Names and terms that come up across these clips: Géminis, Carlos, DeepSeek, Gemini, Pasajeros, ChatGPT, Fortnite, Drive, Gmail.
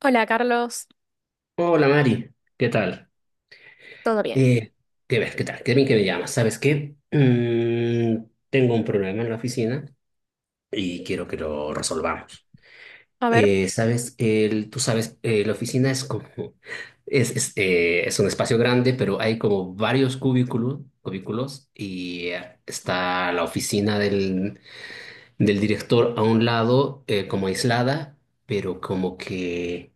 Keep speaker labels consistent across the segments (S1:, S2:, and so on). S1: Hola, Carlos.
S2: Hola Mari, ¿qué tal?
S1: ¿Todo bien?
S2: Eh, qué ver, ¿qué tal? Qué bien que me llamas. ¿Sabes qué? Tengo un problema en la oficina y quiero que lo resolvamos.
S1: A ver.
S2: ¿Sabes? Tú sabes, la oficina es como, es un espacio grande, pero hay como varios cubículos, cubículos y está la oficina del director a un lado, como aislada, pero como que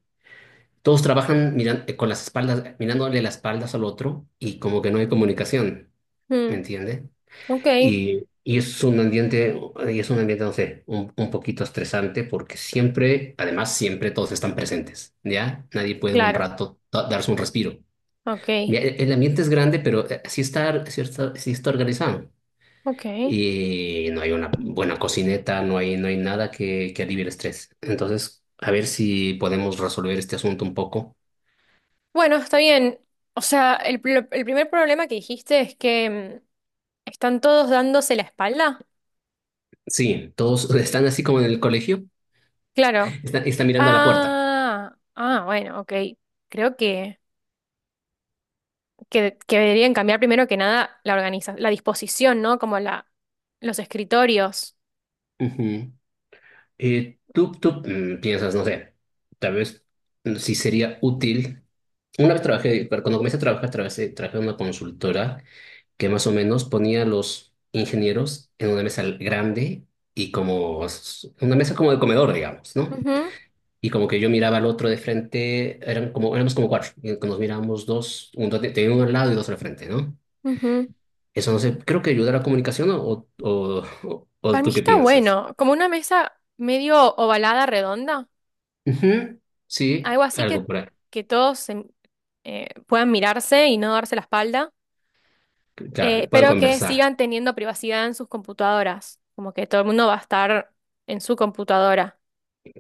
S2: todos trabajan con las espaldas, mirándole las espaldas al otro y como que no hay comunicación, ¿me
S1: Mm,
S2: entiende?
S1: ok,
S2: Y es un ambiente, y es un ambiente, no sé, un poquito estresante porque siempre, además siempre todos están presentes, ¿ya? Nadie puede un
S1: claro.
S2: rato darse un respiro.
S1: Ok,
S2: Mira, el ambiente es grande, pero sí está organizado.
S1: ok.
S2: Y no hay una buena cocineta, no hay, no hay nada que, que alivie el estrés. Entonces, a ver si podemos resolver este asunto un poco.
S1: Bueno, está bien. O sea, el primer problema que dijiste es que están todos dándose la espalda.
S2: Sí, todos están así como en el colegio,
S1: Claro.
S2: están, están mirando a la puerta.
S1: Ah, ah, bueno, ok. Creo que deberían cambiar primero que nada la disposición, ¿no? Como los escritorios.
S2: Ujú. Tú piensas, no sé, tal vez sí sería útil. Una vez trabajé, pero cuando comencé a trabajar, trabajé en una consultora que más o menos ponía a los ingenieros en una mesa grande y como una mesa como de comedor, digamos, ¿no?
S1: Ujú,
S2: Y como que yo miraba al otro de frente, eran como, éramos como cuatro, y nos mirábamos dos, tenía uno al lado y dos al frente, ¿no?
S1: ujú.
S2: Eso no sé, creo que ayuda a la comunicación o, o, o-
S1: Para
S2: o
S1: mí
S2: tú qué
S1: está
S2: piensas.
S1: bueno, como una mesa medio ovalada, redonda.
S2: Ujú, sí,
S1: Algo así que,
S2: algo por ahí.
S1: que todos puedan mirarse y no darse la espalda,
S2: Claro, y pueden
S1: pero que
S2: conversar,
S1: sigan teniendo privacidad en sus computadoras, como que todo el mundo va a estar en su computadora.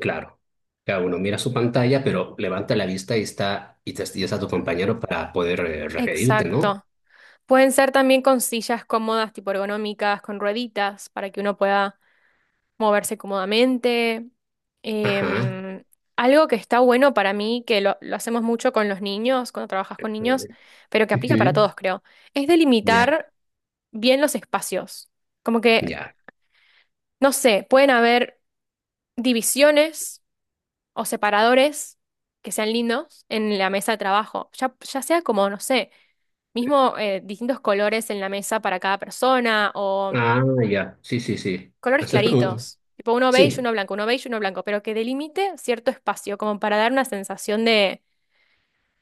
S2: claro. Cada uno mira su pantalla, pero levanta la vista y está, y está tu compañero para poder referirte, ¿no?
S1: Exacto. Pueden ser también con sillas cómodas, tipo ergonómicas, con rueditas, para que uno pueda moverse cómodamente.
S2: Ajá.
S1: Em, Algo que está bueno para mí, que lo hacemos mucho con los niños, cuando trabajas con
S2: A
S1: niños,
S2: ver.
S1: pero que aplica para
S2: Ujú.
S1: todos, creo, es
S2: Ya,
S1: delimitar bien los espacios. Como que,
S2: ya.
S1: no sé, pueden haber divisiones o separadores que sean lindos en la mesa de trabajo. Ya, ya sea como, no sé, mismo distintos colores en la mesa para cada persona o
S2: Ah, ya. Sí, sí, sí.
S1: colores
S2: Hacer- uh,
S1: claritos. Tipo uno beige,
S2: Sí,
S1: uno blanco, uno beige, uno blanco, pero que delimite cierto espacio, como para dar una sensación de,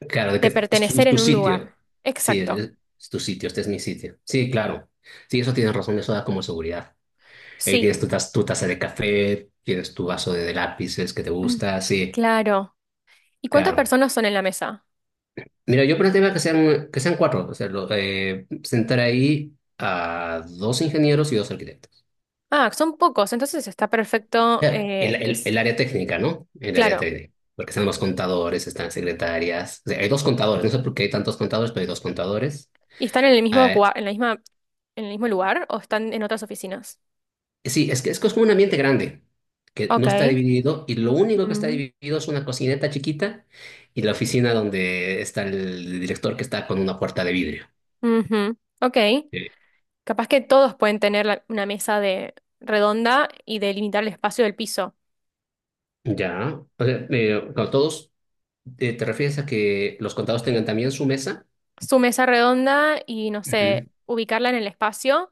S2: claro, de
S1: de
S2: que es tu,
S1: pertenecer
S2: tu
S1: en un
S2: sitio.
S1: lugar.
S2: Sí,
S1: Exacto.
S2: es tu sitio, este es mi sitio. Sí, claro. Sí, eso tienes razón, eso da como seguridad. Ahí
S1: Sí.
S2: tienes tu, tu taza de café, tienes tu vaso de lápices que te
S1: Mm,
S2: gusta, sí,
S1: claro. ¿Y cuántas
S2: claro.
S1: personas son en la mesa?
S2: Mira, yo planteaba que sean cuatro, o sea, sentar ahí a dos ingenieros y dos arquitectos.
S1: Ah, son pocos, entonces está perfecto
S2: Claro, El,
S1: que
S2: el, el
S1: es,
S2: área técnica, ¿no? El área
S1: claro.
S2: técnica. Porque están los contadores, están secretarias. O sea, hay dos contadores, no sé por qué hay tantos contadores, pero hay dos contadores.
S1: ¿Y están en el mismo lugar o están en otras oficinas?
S2: Sí, es que es como un ambiente grande, que no está
S1: Ok.
S2: dividido y lo único que está
S1: Mm,
S2: dividido es una cocineta chiquita y la oficina donde está el director que está con una puerta de vidrio.
S1: ujú, ok.
S2: Eh,
S1: Capaz que todos pueden tener una mesa de redonda y delimitar el espacio del piso.
S2: Ya, o sea, con todos, ¿te refieres a que los contados tengan también su mesa?
S1: Su mesa redonda y no sé,
S2: Ujú.
S1: ubicarla en el espacio.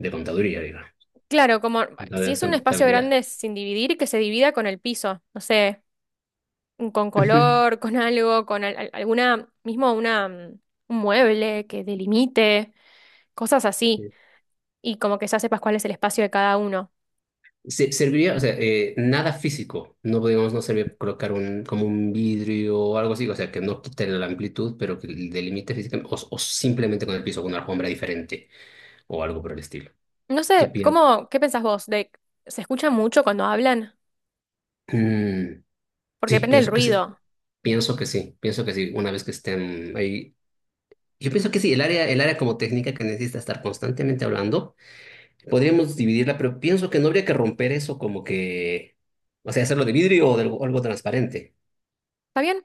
S2: De contaduría, digo,
S1: Claro, como si
S2: de
S1: es un espacio
S2: contabilidad.
S1: grande sin dividir, que se divida con el piso. No sé, con
S2: Ujú.
S1: color, con algo, con alguna, mismo una, un mueble que delimite, cosas así, y como que ya sepas cuál es el espacio de cada uno.
S2: Serviría, o sea, nada físico, no podíamos, no servir colocar un, como un vidrio o algo así, o sea, que no quite la amplitud, pero que delimite físicamente, o simplemente con el piso, con una alfombra diferente o algo por el estilo.
S1: No
S2: ¿Qué
S1: sé,
S2: piensas?
S1: ¿qué pensás vos? De, ¿se escucha mucho cuando hablan? Porque
S2: Sí,
S1: depende del
S2: pienso que sí,
S1: ruido.
S2: pienso que sí, pienso que sí, una vez que estén ahí. Yo pienso que sí, el área como técnica que necesita estar constantemente hablando, podríamos dividirla, pero pienso que no habría que romper eso como que, o sea, hacerlo de vidrio o de algo, algo transparente.
S1: ¿Está bien?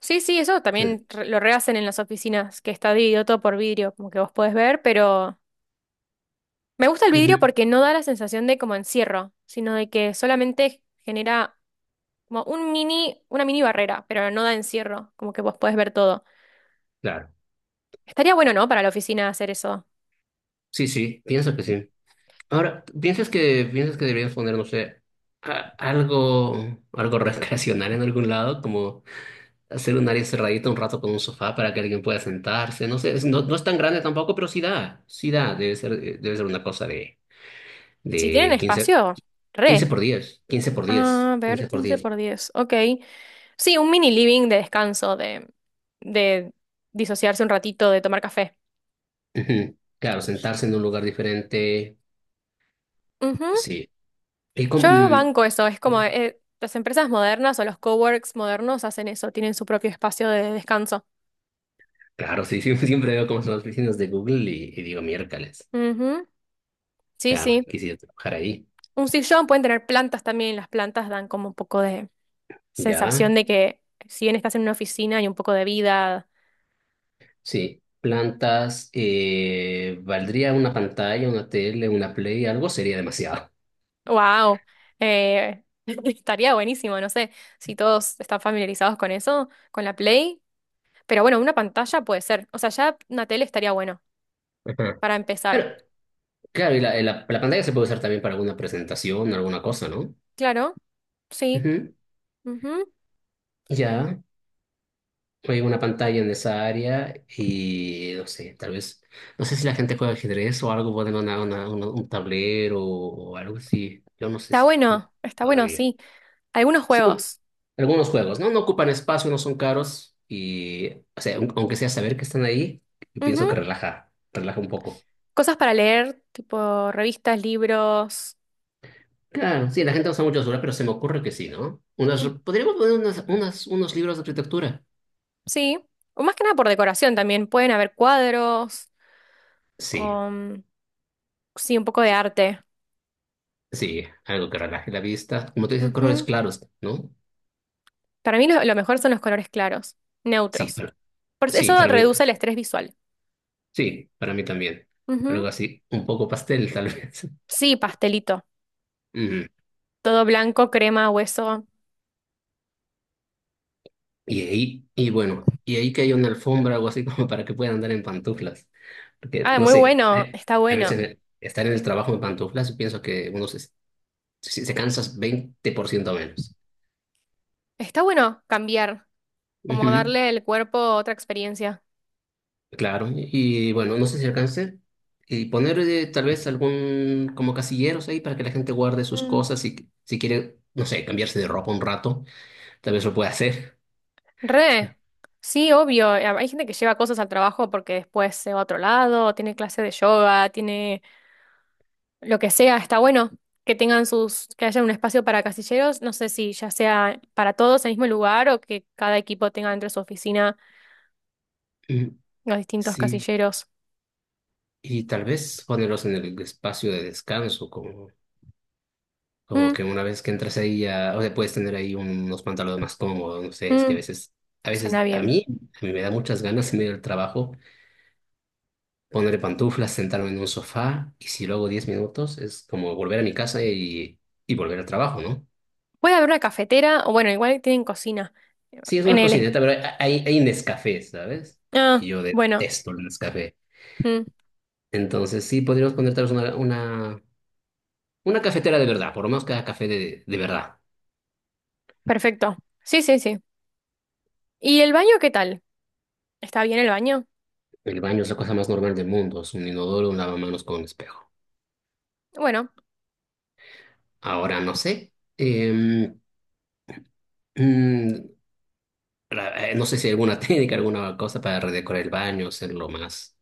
S1: Sí, sí, eso
S2: Sí.
S1: también lo rehacen en las oficinas, que está dividido todo por vidrio, como que vos podés ver, pero me gusta el vidrio
S2: Ujú.
S1: porque no da la sensación de como encierro, sino de que solamente genera. Como una mini barrera, pero no da encierro, como que vos podés ver todo.
S2: Claro.
S1: Estaría bueno, ¿no? Para la oficina hacer eso.
S2: Sí, sí, pienso que sí. Ahora, piensas que deberías poner, no sé, algo, algo recreacional en algún lado? Como hacer un área cerradita un rato con un sofá para que alguien pueda sentarse. No sé, no, no es tan grande tampoco, pero sí da, sí da. Debe ser una cosa
S1: Si tienen
S2: de 15,
S1: espacio,
S2: quince
S1: re.
S2: por diez 15 por 10,
S1: A ver,
S2: quince por
S1: quince
S2: diez
S1: por diez Ok. Sí, un mini living de descanso, de, disociarse un ratito, de tomar café.
S2: Ujú. Claro, sentarse en un lugar diferente,
S1: Ujú.
S2: sí. Y como,
S1: Yo banco eso, es como las empresas modernas o los coworks modernos hacen eso, tienen su propio espacio de descanso.
S2: claro, sí, sí, siempre veo cómo son las oficinas de Google y digo miércoles.
S1: Ujú. Sí,
S2: Claro,
S1: sí.
S2: quisiera trabajar ahí.
S1: Un sillón, pueden tener plantas también, las plantas dan como un poco de,
S2: Ya,
S1: sensación de que si bien estás en una oficina hay un poco de vida,
S2: sí. Plantas, valdría una pantalla, una tele, una play, algo sería demasiado.
S1: wow, estaría buenísimo, no sé si todos están familiarizados con eso, con la Play, pero bueno, una pantalla puede ser, o sea, ya una tele estaría bueno
S2: Ajá.
S1: para
S2: Pero,
S1: empezar.
S2: claro, y la pantalla se puede usar también para alguna presentación, alguna cosa, ¿no?
S1: Claro, sí.
S2: Ujú.
S1: Ujú.
S2: Ya, hay una pantalla en esa área y no sé, tal vez, no sé si la gente juega ajedrez o algo, ponen un tablero o algo así. Yo no sé si la gente
S1: Está bueno,
S2: todavía.
S1: sí. Algunos
S2: Sí,
S1: juegos.
S2: algunos juegos, ¿no? No ocupan espacio, no son caros y, o sea, aunque sea saber que están ahí, yo pienso que
S1: Ujú.
S2: relaja, relaja un poco.
S1: Cosas para leer, tipo revistas, libros,
S2: Claro, sí, la gente usa mucho basura, pero se me ocurre que sí, ¿no? Unas,
S1: mm,
S2: podríamos poner unas, unas, unos libros de arquitectura.
S1: sí. O más que nada por decoración también, pueden haber cuadros,
S2: Sí,
S1: o, mm, sí, un poco de arte.
S2: sí, algo que relaje la vista. Como tú dices, colores
S1: Ujú.
S2: claros, ¿no?
S1: Para mí lo mejor son los colores claros,
S2: Sí,
S1: neutros.
S2: para,
S1: Por
S2: sí,
S1: eso
S2: para mí,
S1: reduce el estrés visual.
S2: sí, para mí también. Algo
S1: Ujú.
S2: así, un poco pastel, tal vez.
S1: Sí, pastelito.
S2: Ujú.
S1: Todo blanco, crema, hueso.
S2: Y ahí, y bueno, y ahí que hay una alfombra o algo así como para que puedan andar en pantuflas. Porque,
S1: Ah,
S2: no
S1: muy
S2: sé,
S1: bueno, está
S2: a
S1: bueno.
S2: veces estar en el trabajo en pantuflas, pienso que uno se cansa 20% menos.
S1: Está bueno cambiar, como
S2: Ujú,
S1: darle al cuerpo otra experiencia.
S2: claro, y bueno, no sé si alcance. Y poner tal vez algún como casilleros ahí para que la gente guarde sus
S1: Mm.
S2: cosas y si quiere, no sé, cambiarse de ropa un rato, tal vez lo pueda hacer.
S1: Re. Sí, obvio. Hay gente que lleva cosas al trabajo porque después se va a otro lado, tiene clase de yoga, tiene lo que sea, está bueno que tengan que haya un espacio para casilleros, no sé si ya sea para todos en el mismo lugar o que cada equipo tenga dentro de su oficina
S2: Mm,
S1: los distintos
S2: sí,
S1: casilleros.
S2: y tal vez ponerlos en el espacio de descanso, como. Como
S1: Mm,
S2: que una vez que entras ahí ya, o sea, puedes tener ahí unos pantalones más cómodos, no sé, es que a
S1: mm,
S2: veces, a veces
S1: suena bien.
S2: a mí me da muchas ganas en medio del trabajo ponerle pantuflas, sentarme en un sofá y si luego 10 minutos es como volver a mi casa y volver al trabajo, ¿no?
S1: Puede haber una cafetera, o bueno, igual tienen cocina
S2: Sí, es
S1: en
S2: una
S1: el.
S2: cocineta, pero hay, hay Nescafé, ¿sabes? Y
S1: Ah,
S2: yo
S1: bueno,
S2: detesto el Nescafé.
S1: mm,
S2: Entonces sí, podríamos poner tal vez una cafetera de verdad, por lo menos cada café de verdad.
S1: perfecto. Sí, sí, sí. ¿Y el baño qué tal? ¿Está bien el baño?
S2: El baño es la cosa más normal del mundo, es un inodoro, un lavamanos con un espejo.
S1: Bueno,
S2: Ahora no sé. Mm, no sé si hay alguna técnica, alguna cosa para redecorar el baño, hacerlo más,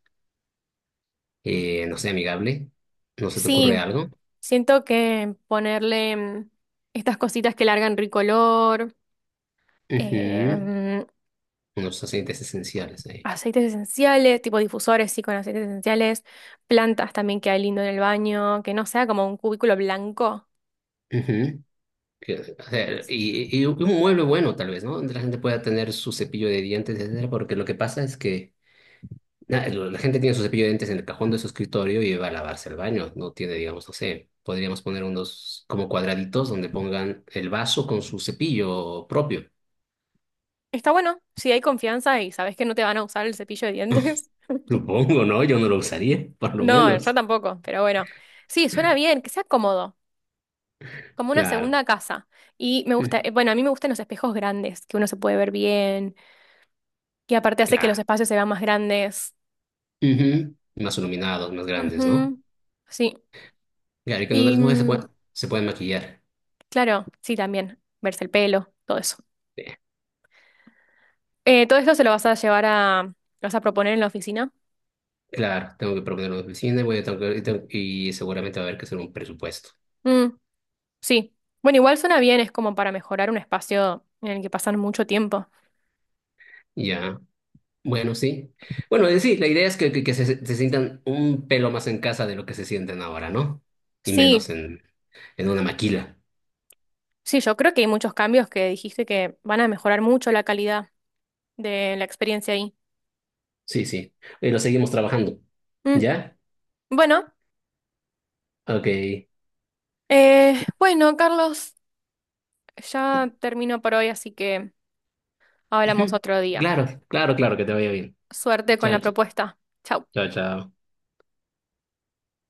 S2: no sé, amigable. ¿No se te ocurre
S1: sí,
S2: algo?
S1: siento que ponerle estas cositas que largan ricolor. eh,
S2: Ujú,
S1: mm,
S2: unos aceites esenciales ahí.
S1: Aceites esenciales, tipo difusores, sí, con aceites esenciales, plantas también que hay lindo en el baño, que no sea como un cubículo blanco.
S2: Ujú, o sea, y un mueble bueno, tal vez, ¿no? Donde la gente pueda tener su cepillo de dientes, etcétera, porque lo que pasa es que. La gente tiene su cepillo de dientes en el cajón de su escritorio y va a lavarse el baño. No tiene, digamos, no sé, podríamos poner unos como cuadraditos donde pongan el vaso con su cepillo propio.
S1: Está bueno, si hay confianza y sabes que no te van a usar el cepillo de dientes.
S2: Supongo, ¿no? Yo no lo usaría, por lo
S1: No, yo
S2: menos.
S1: tampoco, pero bueno. Sí, suena bien, que sea cómodo, como una
S2: Claro.
S1: segunda casa. Y
S2: Mm,
S1: bueno, a mí me gustan los espejos grandes, que uno se puede ver bien, que aparte hace que los
S2: claro.
S1: espacios se vean más grandes.
S2: Ujú. Más iluminados, más grandes, ¿no?
S1: Ujú, sí,
S2: Claro, y que no
S1: y
S2: las mujeres se pueden maquillar.
S1: claro, sí, también, verse el pelo, todo eso.
S2: Eh,
S1: ¿Todo esto se lo vas a llevar a, lo vas a proponer en la oficina?
S2: Claro, tengo que proponer una oficina y, voy a tener que- y tengo- y seguramente va a haber que hacer un presupuesto.
S1: Mm, sí. Bueno, igual suena bien, es como para mejorar un espacio en el que pasan mucho tiempo.
S2: Ya. Bueno, sí. Bueno, sí, la idea es que, que se sientan un pelo más en casa de lo que se sienten ahora, ¿no? Y
S1: Sí,
S2: menos en una maquila.
S1: sí, yo creo que hay muchos cambios que dijiste que van a mejorar mucho la calidad de la experiencia ahí.
S2: Sí, sí. Y lo seguimos trabajando.
S1: Mm,
S2: ¿Ya?
S1: bueno,
S2: Ok.
S1: bueno, Carlos, ya termino por hoy, así que hablamos
S2: Ujú.
S1: otro día.
S2: Claro, claro, claro, que te vaya bien.
S1: Suerte con la
S2: Chao, chao,
S1: propuesta. Chau.
S2: chao. Chao.